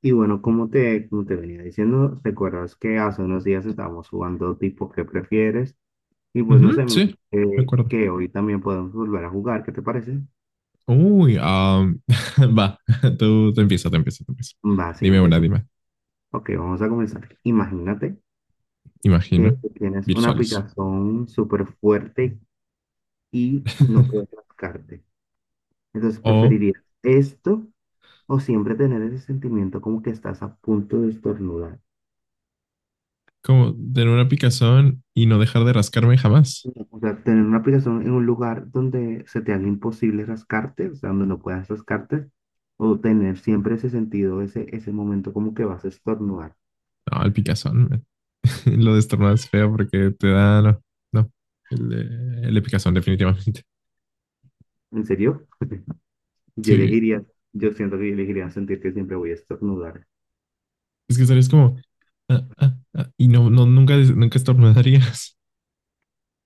Y bueno, como te venía diciendo, recuerdas que hace unos días estábamos jugando tipo ¿qué prefieres? Y pues no Ujú, sé, me sí, de parece acuerdo. que hoy también podemos volver a jugar, ¿qué te parece? Uy, va, tú te empieza. Va, sí, Dime una, empiezo. dime. Ok, vamos a comenzar. Imagínate que Imagina, tienes una visualizo. picazón súper fuerte y no puedes rascarte. Entonces, O ¿preferirías esto o siempre tener ese sentimiento como que estás a punto de estornudar? como tener una picazón y no dejar de rascarme jamás. O sea, tener una aplicación en un lugar donde se te haga imposible rascarte, o sea, donde no puedas rascarte, o tener siempre ese sentido, ese momento como que vas a estornudar. No, el picazón, man. Lo de estornudar es feo porque te da, no, no. El de picazón, definitivamente. ¿En serio? Yo Sí, elegiría, yo siento que yo elegiría sentir que siempre voy a estornudar. es que estarías como, y no, no, nunca, nunca estornudarías.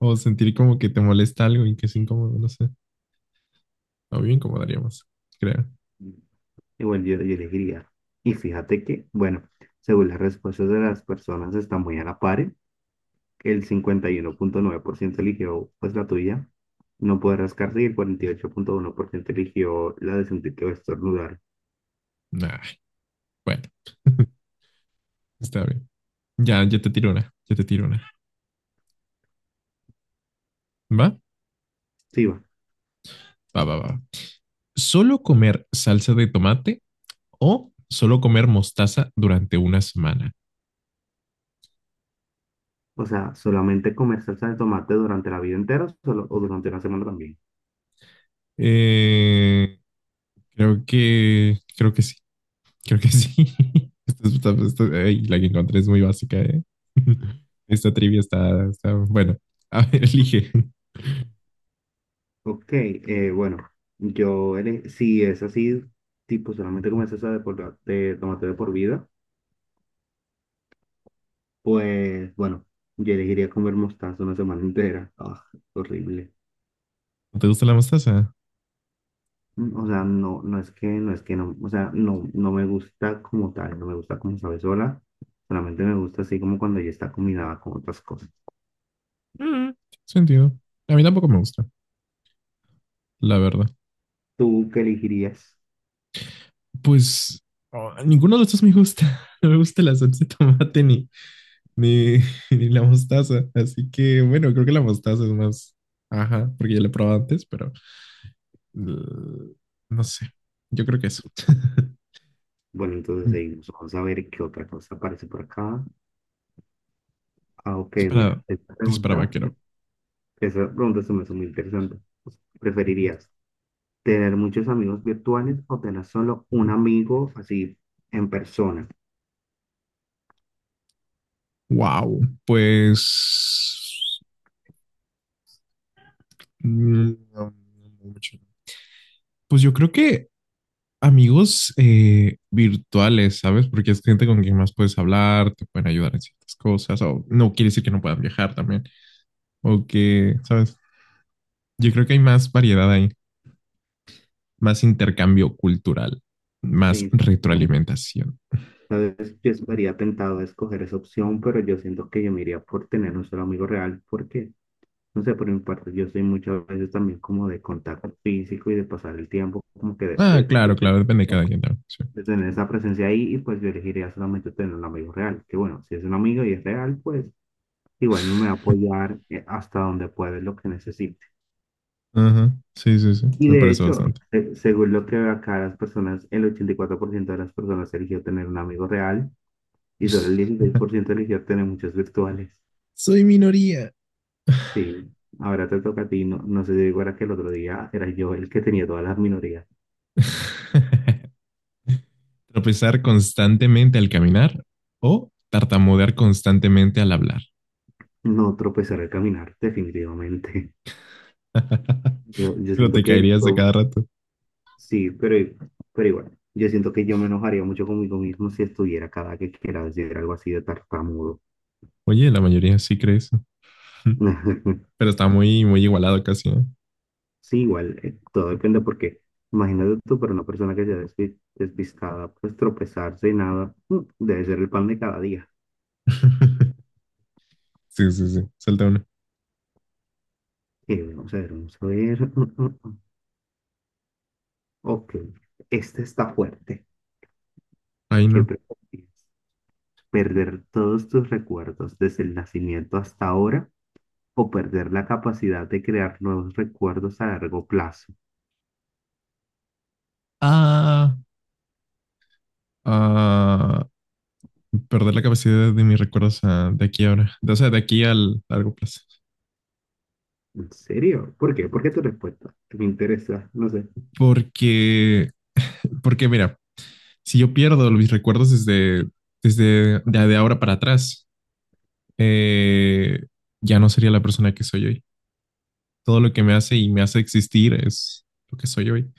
O sentir como que te molesta algo y que es incómodo, no sé. O bien incomodaríamos, creo. Igual yo elegiría. Y fíjate que, bueno, según las respuestas de las personas está muy a la par, ¿eh? El 51,9% eligió pues la tuya, no poder rascarse, y el 48,1% eligió la de sentir que va a estornudar. Nah, bueno, está bien. Ya, ya te tiro una, ya te tiro una. ¿Va? Sí, va. Va, va, va. ¿Solo comer salsa de tomate o solo comer mostaza durante una semana? O sea, solamente comer salsa de tomate durante la vida entera o durante una semana también. Eh, creo que sí, creo que sí. Esta, esta- ey, la que encontré es muy básica, ¿eh? Esta trivia bueno, a ver, elige. Ok, bueno, si es así, tipo solamente comer salsa de tomate de por vida, pues bueno, yo elegiría comer mostaza una semana entera. Ah, horrible. ¿No te gusta la mostaza? Mm. O sea, no, no es que no, o sea, no me gusta como tal, no me gusta como sabe sola, solamente me gusta así como cuando ya está combinada con otras cosas. Mm, sentido. A mí tampoco me gusta, la verdad. ¿Tú qué elegirías? Pues oh, ninguno de estos me gusta. No me gusta la salsa de tomate ni, ni, ni la mostaza. Así que bueno, creo que la mostaza es más. Ajá, porque ya la he probado antes, pero uh, no sé. Yo creo que eso. Bueno, entonces seguimos. Vamos a ver qué otra cosa aparece por acá. Ah, ok, mira, Disparado. Dispara vaquero. esa pregunta se me hace muy interesante. ¿Preferirías tener muchos amigos virtuales o tener solo un amigo así en persona? Wow. Pues. No, no mucho. Pues yo creo que amigos virtuales, ¿sabes? Porque es gente con quien más puedes hablar, te pueden ayudar en ciertas cosas, o no quiere decir que no puedan viajar también, o que, ¿sabes? Yo creo que hay más variedad ahí, más intercambio cultural, más Sí, siempre. retroalimentación. Sabes, yo estaría tentado a escoger esa opción, pero yo siento que yo me iría por tener un solo amigo real, porque, no sé, por mi parte, yo soy muchas veces también como de contacto físico y de pasar el tiempo, como que Ah, claro, claro, depende de cada quien también. Sí. de tener esa presencia ahí y pues yo elegiría solamente tener un amigo real, que bueno, si es un amigo y es real, pues igual me va a apoyar hasta donde pueda en lo que necesite. Ajá. Sí, sí, sí. Y Me de parece hecho, bastante. Según lo que veo acá, las personas, el 84% de las personas eligió tener un amigo real y solo el 16% eligió tener muchos virtuales. Soy minoría. Sí, ahora te toca a ti, no, no sé si digo, era que el otro día era yo el que tenía todas las minorías. Tropezar constantemente al caminar o tartamudear constantemente al hablar. No tropezar al caminar, definitivamente. Yo Pero siento te que... caerías de cada rato. Sí, pero, igual, yo siento que yo me enojaría mucho conmigo mismo si estuviera cada que quiera decir algo así de tartamudo. Oye, la mayoría sí cree eso. Pero está muy, muy igualado casi, ¿eh? Sí, igual, todo depende porque imagínate tú, para una persona que sea despistada, pues tropezarse y nada, mm, debe ser el pan de cada día. Sí, sí, sí. Salta uno. Vamos a ver, vamos a ver. Mm. Ok, este está fuerte. Ay, ¿Qué no. prefieres? ¿Perder todos tus recuerdos desde el nacimiento hasta ahora o perder la capacidad de crear nuevos recuerdos a largo plazo? Ah, ah, perder la capacidad de mis recuerdos de aquí a ahora. O sea, de aquí al largo plazo. ¿En serio? ¿Por qué tu respuesta? Me interesa, no sé. Porque, porque mira, si yo pierdo mis recuerdos de ahora para atrás, eh, ya no sería la persona que soy hoy. Todo lo que me hace y me hace existir es lo que soy hoy.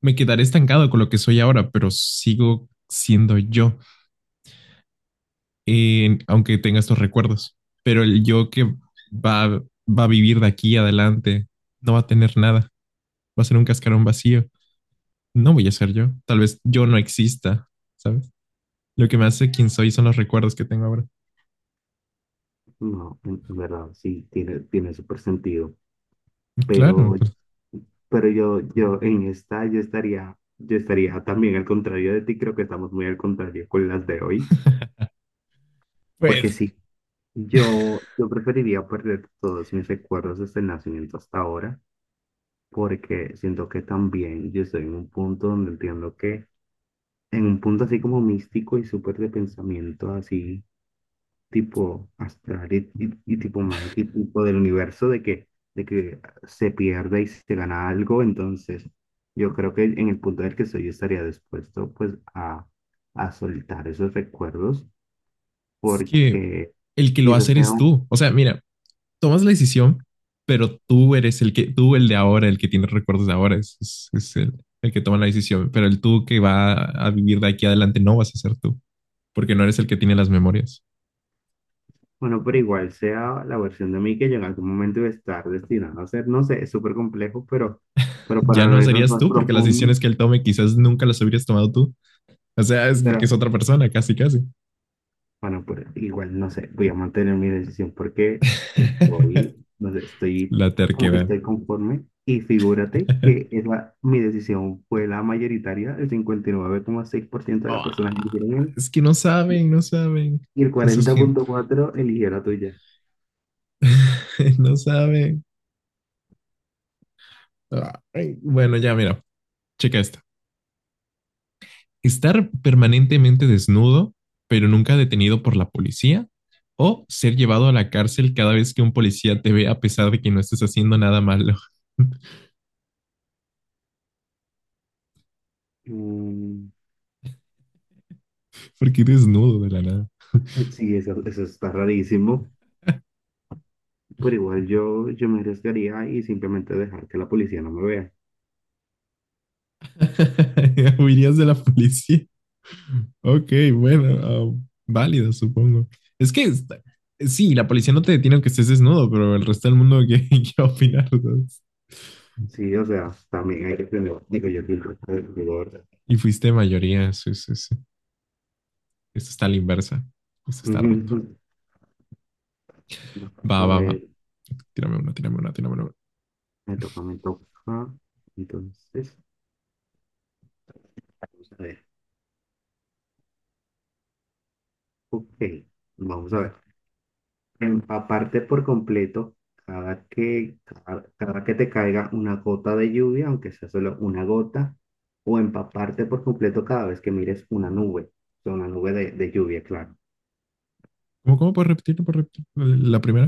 Me quedaré estancado con lo que soy ahora, pero sigo siendo yo, aunque tenga estos recuerdos. Pero el yo que va, va a vivir de aquí adelante no va a tener nada, va a ser un cascarón vacío. No voy a ser yo, tal vez yo no exista, ¿sabes? Lo que me hace quien soy son los recuerdos que tengo ahora. No, en verdad, sí, tiene súper sentido. Y claro, Pero, pues pero yo, yo en esta, yo estaría también al contrario de ti, creo que estamos muy al contrario con las de hoy. Porque pues sí, yo preferiría perder todos mis recuerdos desde el nacimiento hasta ahora, porque siento que también yo estoy en un punto donde entiendo que, en un punto así como místico y súper de pensamiento, así tipo astral y tipo mágico y tipo del universo de que, se pierde y se gana algo, entonces yo creo que en el punto en el que soy yo estaría dispuesto pues a soltar esos recuerdos es que porque el que lo va a quizás hacer sea es un, tú. O sea, mira, tomas la decisión, pero tú eres el que, tú el de ahora, el que tiene recuerdos de ahora, es el que toma la decisión. Pero el tú que va a vivir de aquí adelante no vas a ser tú, porque no eres el que tiene las memorias. bueno, pero igual sea la versión de mí que yo en algún momento iba a estar destinado a ser, no sé, es súper complejo, pero Ya para no no irnos serías más tú, porque las profundo. decisiones que él tome quizás nunca las hubieras tomado tú. O sea, es porque es pero otra persona, casi, casi. Bueno, pues igual, no sé, voy a mantener mi decisión porque estoy, no sé, estoy La como que terquedad. estoy conforme y figúrate que es mi decisión fue la mayoritaria, el 59,6% de las personas que Ah, eligieron él es que no saben, no saben. y el Eso es gente. 40,4% eligieron la tuya. No saben. Ay, bueno, ya mira, checa esta. Estar permanentemente desnudo, pero nunca detenido por la policía, o ser llevado a la cárcel cada vez que un policía te ve a pesar de que no estés haciendo nada malo. Mm, Porque desnudo de la nada. sí, eso está rarísimo, pero igual yo me arriesgaría y simplemente dejar que la policía no me vea. Huirías de la policía. Ok, bueno, válido, supongo. Es que está- sí, la policía no te detiene aunque estés desnudo, pero el resto del mundo, ¿qué, qué va a opinar, ¿sabes? Sí, o sea, también hay que tener, digo yo, que el resto del rigor. Y fuiste mayoría, sí, sí, sí. Esto está a la inversa. Esto está roto. Ujú. Va, A va, va. ver, Tírame una, tírame una, tírame una. Me toca. Entonces, vamos a ver. Ok, vamos a ver. Empaparte por completo cada que te caiga una gota de lluvia, aunque sea solo una gota, o empaparte por completo cada vez que mires una nube, o sea, una nube de lluvia, claro. ¿Cómo, cómo puedes repetir? ¿Puedes repetir la primera?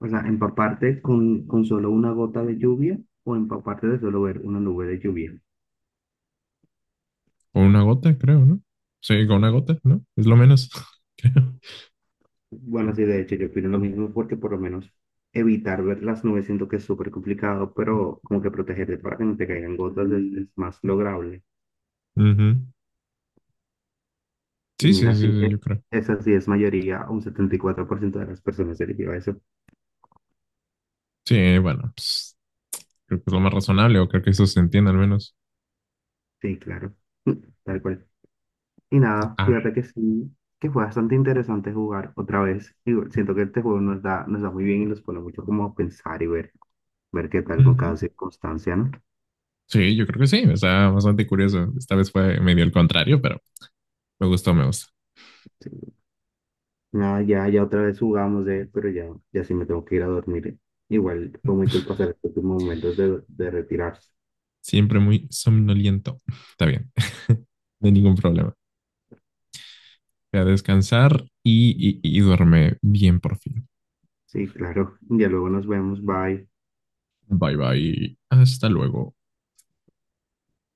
O sea, empaparte con solo una gota de lluvia o empaparte de solo ver una nube de lluvia. Con una gota, creo, ¿no? Sí, con una gota, ¿no? Es lo menos, creo. Bueno, sí, de hecho, yo opino lo mismo porque por lo menos evitar ver las nubes siento que es súper complicado, pero como que protegerte para que no te caigan gotas es más lograble. Ujú. Y Sí, sí, sí, mira, sí, sí, yo creo. esa sí es mayoría, un 74% de las personas eligió eso. Sí, bueno, pues, creo que es lo más razonable, o creo que eso se entiende al menos. Sí, claro, tal cual. Y nada, Ah. fíjate que sí, que fue bastante interesante jugar otra vez. Y siento que este juego nos da muy bien y nos pone mucho como a pensar y ver, ver qué tal con Ujú. cada circunstancia, ¿no? Sí, yo creo que sí, está bastante curioso. Esta vez fue medio el contrario, pero me gustó, me gustó. Sí. Nada, ya otra vez jugamos pero ya sí me tengo que ir a dormir. Igual fue muy cool pasar estos momentos de retirarse. Siempre muy somnoliento. Está bien. No hay ningún problema. Voy a descansar y duerme bien por fin. Sí, claro. Ya luego nos vemos. Bye. Bye bye. Hasta luego.